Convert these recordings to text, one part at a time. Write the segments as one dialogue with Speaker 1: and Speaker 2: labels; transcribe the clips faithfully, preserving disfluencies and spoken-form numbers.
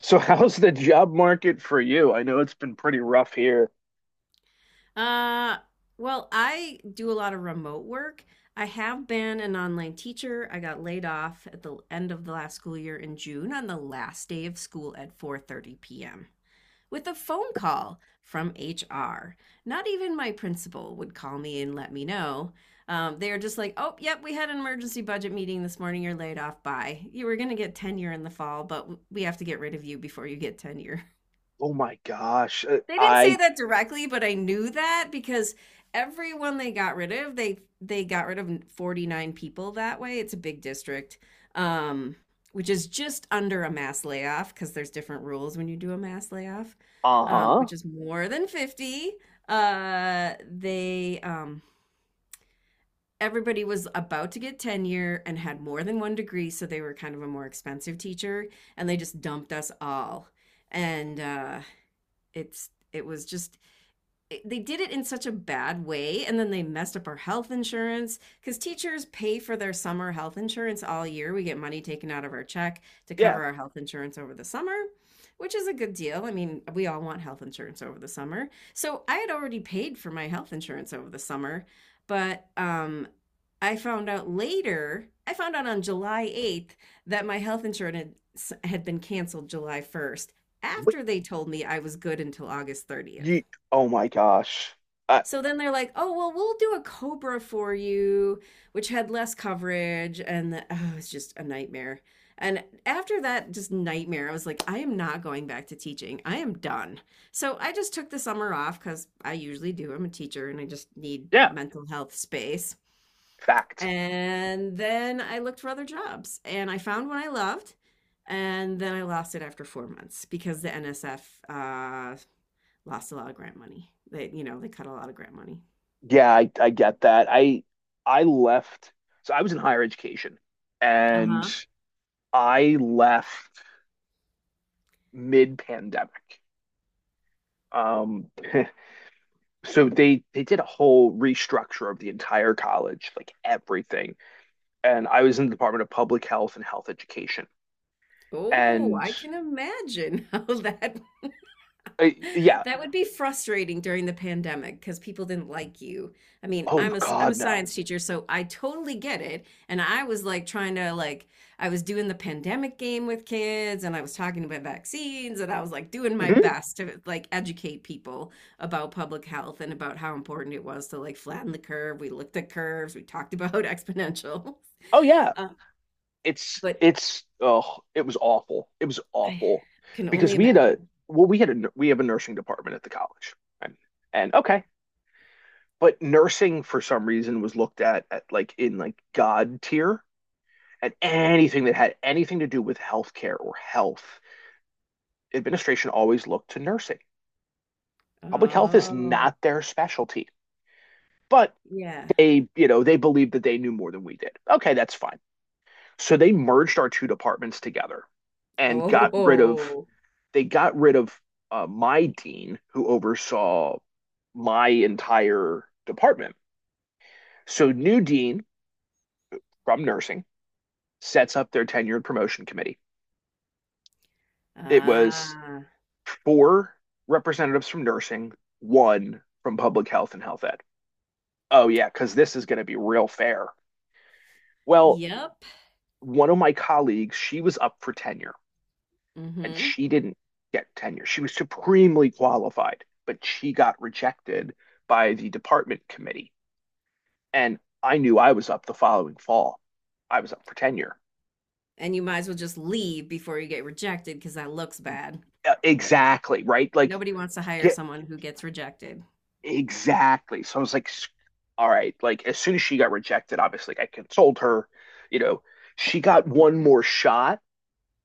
Speaker 1: So how's the job market for you? I know it's been pretty rough here.
Speaker 2: Uh, well, I do a lot of remote work. I have been an online teacher. I got laid off at the end of the last school year in June on the last day of school at four thirty p m with a phone call from H R. Not even my principal would call me and let me know. Um, they are just like, "Oh, yep, we had an emergency budget meeting this morning. You're laid off. Bye. You were going to get tenure in the fall, but we have to get rid of you before you get tenure."
Speaker 1: Oh my gosh. Uh,
Speaker 2: They didn't say
Speaker 1: I.
Speaker 2: that directly, but I knew that because everyone they got rid of, they they got rid of forty-nine people that way. It's a big district. Um, which is just under a mass layoff because there's different rules when you do a mass layoff, um,
Speaker 1: Uh-huh.
Speaker 2: which is more than fifty. Uh, they um, everybody was about to get tenure and had more than one degree, so they were kind of a more expensive teacher, and they just dumped us all. And uh, it's it was just they did it in such a bad way, and then they messed up our health insurance because teachers pay for their summer health insurance all year. We get money taken out of our check to
Speaker 1: Yeah.
Speaker 2: cover our health insurance over the summer, which is a good deal. I mean, we all want health insurance over the summer. So I had already paid for my health insurance over the summer, but um, I found out later, I found out on july eighth that my health insurance had been canceled july first
Speaker 1: What?
Speaker 2: after they told me I was good until august thirtieth.
Speaker 1: You? Oh my gosh. Uh
Speaker 2: So then they're like, "Oh, well, we'll do a Cobra for you," which had less coverage, and the, oh, it's just a nightmare. And after that, just nightmare. I was like, "I am not going back to teaching. I am done." So I just took the summer off because I usually do. I'm a teacher, and I just need
Speaker 1: yeah,
Speaker 2: mental health space.
Speaker 1: fact.
Speaker 2: And then I looked for other jobs, and I found one I loved, and then I lost it after four months because the N S F uh, lost a lot of grant money. They, you know, they cut a lot of grant money.
Speaker 1: Yeah, I I get that. I I left. So I was in higher education and
Speaker 2: Uh-huh.
Speaker 1: I left mid-pandemic. Um so they they did a whole restructure of the entire college, like everything. And I was in the Department of Public Health and Health Education.
Speaker 2: Oh,
Speaker 1: and
Speaker 2: I can imagine how that
Speaker 1: uh, yeah.
Speaker 2: that would be frustrating during the pandemic because people didn't like you. I mean,
Speaker 1: Oh
Speaker 2: I'm a I'm a
Speaker 1: God, no.
Speaker 2: science teacher, so I totally get it. And I was like trying to, like, I was doing the pandemic game with kids, and I was talking about vaccines, and I was like doing my
Speaker 1: Mhm.
Speaker 2: best to, like, educate people about public health and about how important it was to, like, flatten the curve. We looked at curves, we talked about exponentials.
Speaker 1: Oh yeah,
Speaker 2: Uh,
Speaker 1: it's
Speaker 2: but
Speaker 1: it's oh, it was awful. It was
Speaker 2: I
Speaker 1: awful
Speaker 2: can
Speaker 1: because
Speaker 2: only
Speaker 1: we had a
Speaker 2: imagine.
Speaker 1: well, we had a we have a nursing department at the college, and, and okay, but nursing for some reason was looked at at like in like God tier, and anything that had anything to do with healthcare or health administration always looked to nursing. Public health is
Speaker 2: Oh,
Speaker 1: not their specialty, but
Speaker 2: yeah.
Speaker 1: they you know they believed that they knew more than we did. Okay, that's fine. So they merged our two departments together and got rid of
Speaker 2: Oh,
Speaker 1: they got rid of uh, my dean who oversaw my entire department. So new dean from nursing sets up their tenure and promotion committee. It was
Speaker 2: ah,
Speaker 1: four representatives from nursing, one from public health and health ed. Oh yeah, because this is going to be real fair. Well,
Speaker 2: yep.
Speaker 1: one of my colleagues, she was up for tenure and
Speaker 2: Mm-hmm.
Speaker 1: she didn't get tenure. She was supremely qualified, but she got rejected by the department committee. And I knew I was up the following fall. I was up for tenure.
Speaker 2: And you might as well just leave before you get rejected because that looks bad.
Speaker 1: Uh, Exactly, right? Like,
Speaker 2: Nobody wants to hire
Speaker 1: get
Speaker 2: someone who gets rejected.
Speaker 1: exactly. So I was like, all right, like as soon as she got rejected, obviously, like, I consoled her, you know, she got one more shot.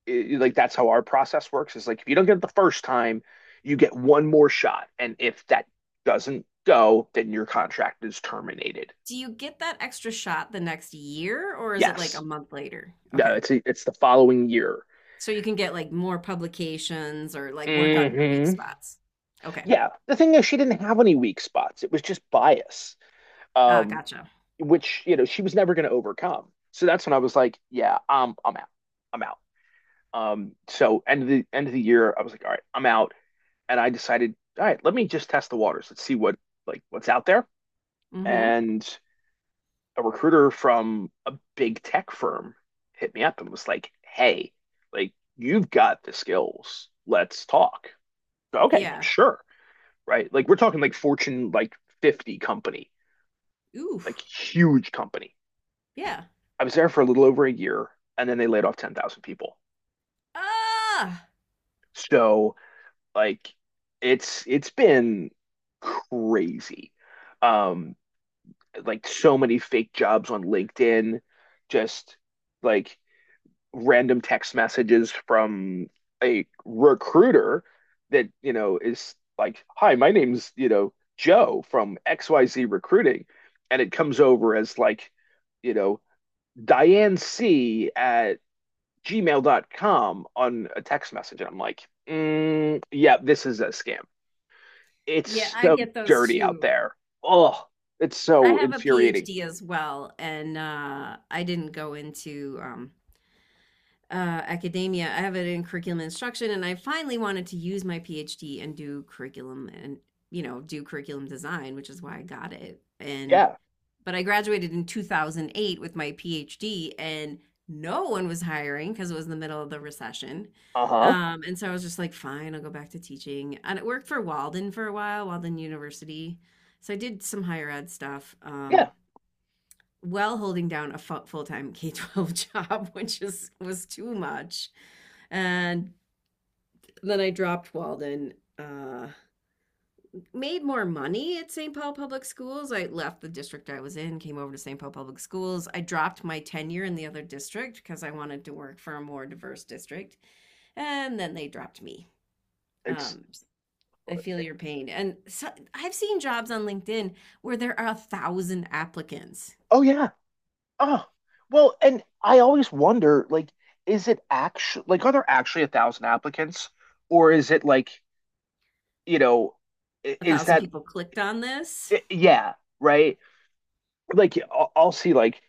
Speaker 1: It, like that's how our process works, is like, if you don't get it the first time you get one more shot, and if that doesn't go, then your contract is terminated.
Speaker 2: Do you get that extra shot the next year or is it like
Speaker 1: Yes.
Speaker 2: a month later?
Speaker 1: No,
Speaker 2: Okay.
Speaker 1: it's a, it's the following year.
Speaker 2: So you can get like more publications or like work on your weak
Speaker 1: Hmm.
Speaker 2: spots. Okay.
Speaker 1: Yeah, the thing is she didn't have any weak spots. It was just bias,
Speaker 2: Ah,
Speaker 1: um
Speaker 2: gotcha.
Speaker 1: which you know she was never going to overcome. So that's when I was like, yeah, um I'm out. I'm out. Um so end of the end of the year, I was like, all right, I'm out. And I decided, all right, let me just test the waters, let's see what like what's out there.
Speaker 2: Mm-hmm.
Speaker 1: And a recruiter from a big tech firm hit me up and was like, hey, like, you've got the skills. Let's talk. Okay,
Speaker 2: Yeah.
Speaker 1: sure. Right. Like, we're talking, like, Fortune, like fifty company,
Speaker 2: Ooh.
Speaker 1: like huge company.
Speaker 2: Yeah.
Speaker 1: I was there for a little over a year, and then they laid off ten thousand people.
Speaker 2: Ah.
Speaker 1: So, like, it's it's been crazy. Um, like so many fake jobs on LinkedIn, just like random text messages from a recruiter that, you know, is like, hi, my name's, you know, Joe from X Y Z Recruiting. And it comes over as like, you know, Diane C at Gmail dot com on a text message. And I'm like, mm, yeah, this is a scam.
Speaker 2: Yeah,
Speaker 1: It's
Speaker 2: I
Speaker 1: so
Speaker 2: get those
Speaker 1: dirty out
Speaker 2: too.
Speaker 1: there. Oh, it's
Speaker 2: I
Speaker 1: so
Speaker 2: have a
Speaker 1: infuriating.
Speaker 2: PhD as well, and uh, I didn't go into um, uh, academia. I have it in curriculum instruction, and I finally wanted to use my PhD and do curriculum and, you know, do curriculum design, which is why I got it. And,
Speaker 1: Yeah.
Speaker 2: but I graduated in two thousand eight with my PhD, and no one was hiring because it was the middle of the recession.
Speaker 1: Uh-huh.
Speaker 2: Um, and so I was just like, fine, I'll go back to teaching. And it worked for Walden for a while, Walden University. So I did some higher ed stuff.
Speaker 1: Yeah.
Speaker 2: Um, while holding down a full time K 12 job, which is, was too much. And then I dropped Walden. Uh, made more money at Saint Paul Public Schools. I left the district I was in, came over to Saint Paul Public Schools. I dropped my tenure in the other district because I wanted to work for a more diverse district. And then they dropped me.
Speaker 1: It's,
Speaker 2: Um, I feel your pain. And so I've seen jobs on LinkedIn where there are a thousand applicants,
Speaker 1: oh, yeah. Oh, well, and I always wonder, like, is it actually, like, are there actually a thousand applicants, or is it like, you know, i-
Speaker 2: a
Speaker 1: is
Speaker 2: thousand
Speaker 1: that
Speaker 2: people clicked on this.
Speaker 1: i- yeah, right? Like, I'll, I'll see, like,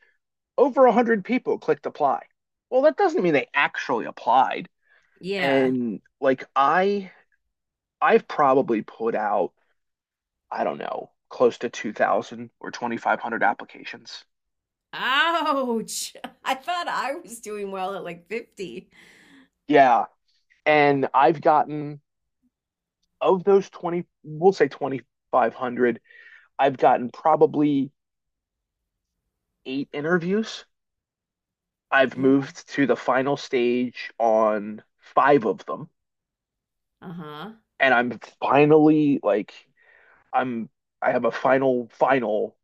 Speaker 1: over a hundred people clicked apply. Well, that doesn't mean they actually applied.
Speaker 2: Yeah.
Speaker 1: And like, I I've probably put out, I don't know, close to two thousand or twenty five hundred applications.
Speaker 2: Ouch. I thought I was doing well at like fifty.
Speaker 1: Yeah, and I've gotten, of those twenty, we'll say twenty five hundred, I've gotten probably eight interviews. I've
Speaker 2: Yeah.
Speaker 1: moved to the final stage on five of them,
Speaker 2: Uh huh.
Speaker 1: and I'm finally like, I'm I have a final final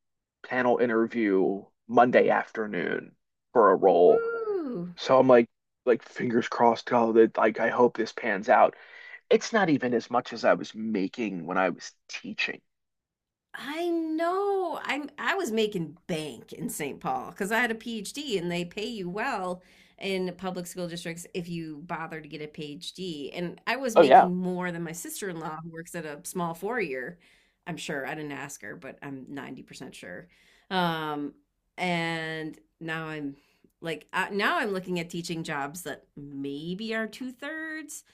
Speaker 1: panel interview Monday afternoon for a role.
Speaker 2: Woo.
Speaker 1: So I'm like, like fingers crossed, oh that, like, I hope this pans out. It's not even as much as I was making when I was teaching.
Speaker 2: I know. I'm I was making bank in Saint Paul because I had a PhD and they pay you well in public school districts if you bother to get a PhD. And I was
Speaker 1: Oh yeah.
Speaker 2: making more than my sister-in-law who works at a small four-year. I'm sure. I didn't ask her, but I'm ninety percent sure. Um, and now I'm like uh, now I'm looking at teaching jobs that maybe are two-thirds.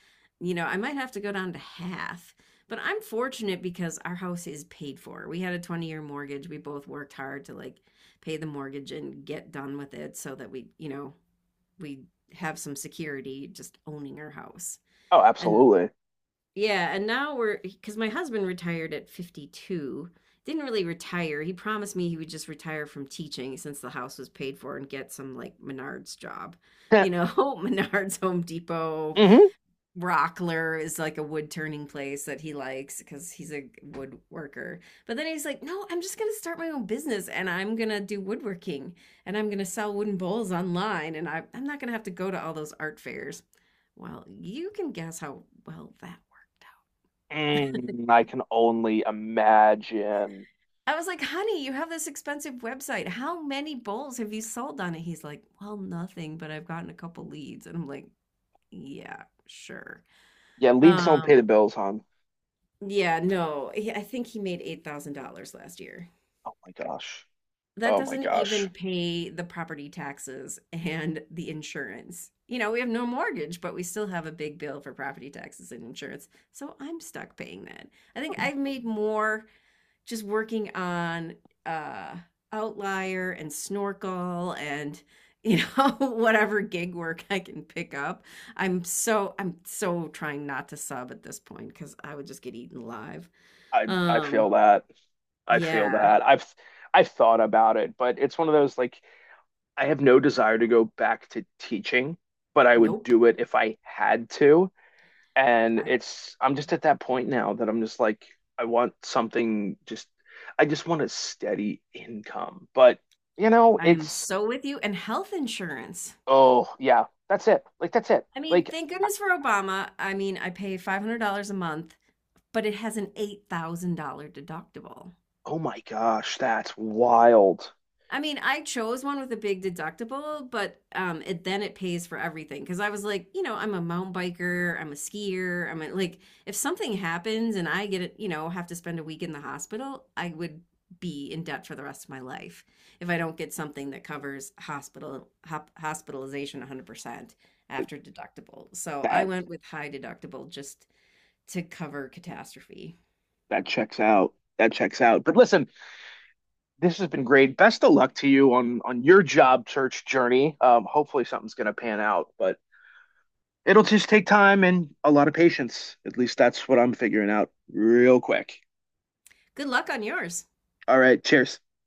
Speaker 2: You know, I might have to go down to half, but I'm fortunate because our house is paid for. We had a twenty year mortgage. We both worked hard to like pay the mortgage and get done with it so that we, you know, we have some security just owning our house.
Speaker 1: Oh,
Speaker 2: And,
Speaker 1: absolutely.
Speaker 2: yeah, and now we're, because my husband retired at fifty-two. Didn't really retire. He promised me he would just retire from teaching since the house was paid for and get some like Menards job. You know, Menards, Home Depot,
Speaker 1: Hmm.
Speaker 2: Rockler is like a wood turning place that he likes because he's a woodworker. But then he's like, no, I'm just going to start my own business and I'm going to do woodworking and I'm going to sell wooden bowls online, and I, I'm not going to have to go to all those art fairs. Well, you can guess how well that worked
Speaker 1: Mm, I can only imagine.
Speaker 2: out. I was like, honey, you have this expensive website. How many bowls have you sold on it? He's like, well, nothing, but I've gotten a couple leads. And I'm like, yeah, sure.
Speaker 1: Yeah, leads don't pay
Speaker 2: Um,
Speaker 1: the bills, hon.
Speaker 2: Yeah, no. he- I think he made eight thousand dollars last year.
Speaker 1: Oh my gosh.
Speaker 2: That
Speaker 1: Oh my
Speaker 2: doesn't
Speaker 1: gosh.
Speaker 2: even pay the property taxes and the insurance. You know, we have no mortgage, but we still have a big bill for property taxes and insurance. So I'm stuck paying that. I think I've made more just working on uh Outlier and Snorkel and you know whatever gig work I can pick up. I'm so I'm so trying not to sub at this point because I would just get eaten alive.
Speaker 1: I I
Speaker 2: Um
Speaker 1: feel that. I feel
Speaker 2: yeah.
Speaker 1: that. I've I've thought about it, but it's one of those, like, I have no desire to go back to teaching, but I would
Speaker 2: Nope.
Speaker 1: do it if I had to. And
Speaker 2: I
Speaker 1: it's I'm just at that point now that I'm just like, I want something, just I just want a steady income. But you know,
Speaker 2: I am
Speaker 1: it's,
Speaker 2: so with you. And health insurance.
Speaker 1: oh yeah, that's it. Like that's it.
Speaker 2: I mean,
Speaker 1: Like,
Speaker 2: thank goodness for Obama. I mean, I pay five hundred dollars a month, but it has an eight thousand dollars deductible.
Speaker 1: oh my gosh, that's wild.
Speaker 2: I mean, I chose one with a big deductible, but um, it then it pays for everything because I was like, you know, I'm a mountain biker, I'm a skier, I'm a, like, if something happens and I get it, you know, have to spend a week in the hospital, I would be in debt for the rest of my life if I don't get something that covers hospital hop, hospitalization one hundred percent after deductible. So I
Speaker 1: That
Speaker 2: went with high deductible just to cover catastrophe.
Speaker 1: that checks out. That checks out. But listen, this has been great. Best of luck to you on on your job search journey. Um, hopefully something's gonna pan out, but it'll just take time and a lot of patience. At least that's what I'm figuring out real quick.
Speaker 2: Good luck on yours.
Speaker 1: All right, cheers.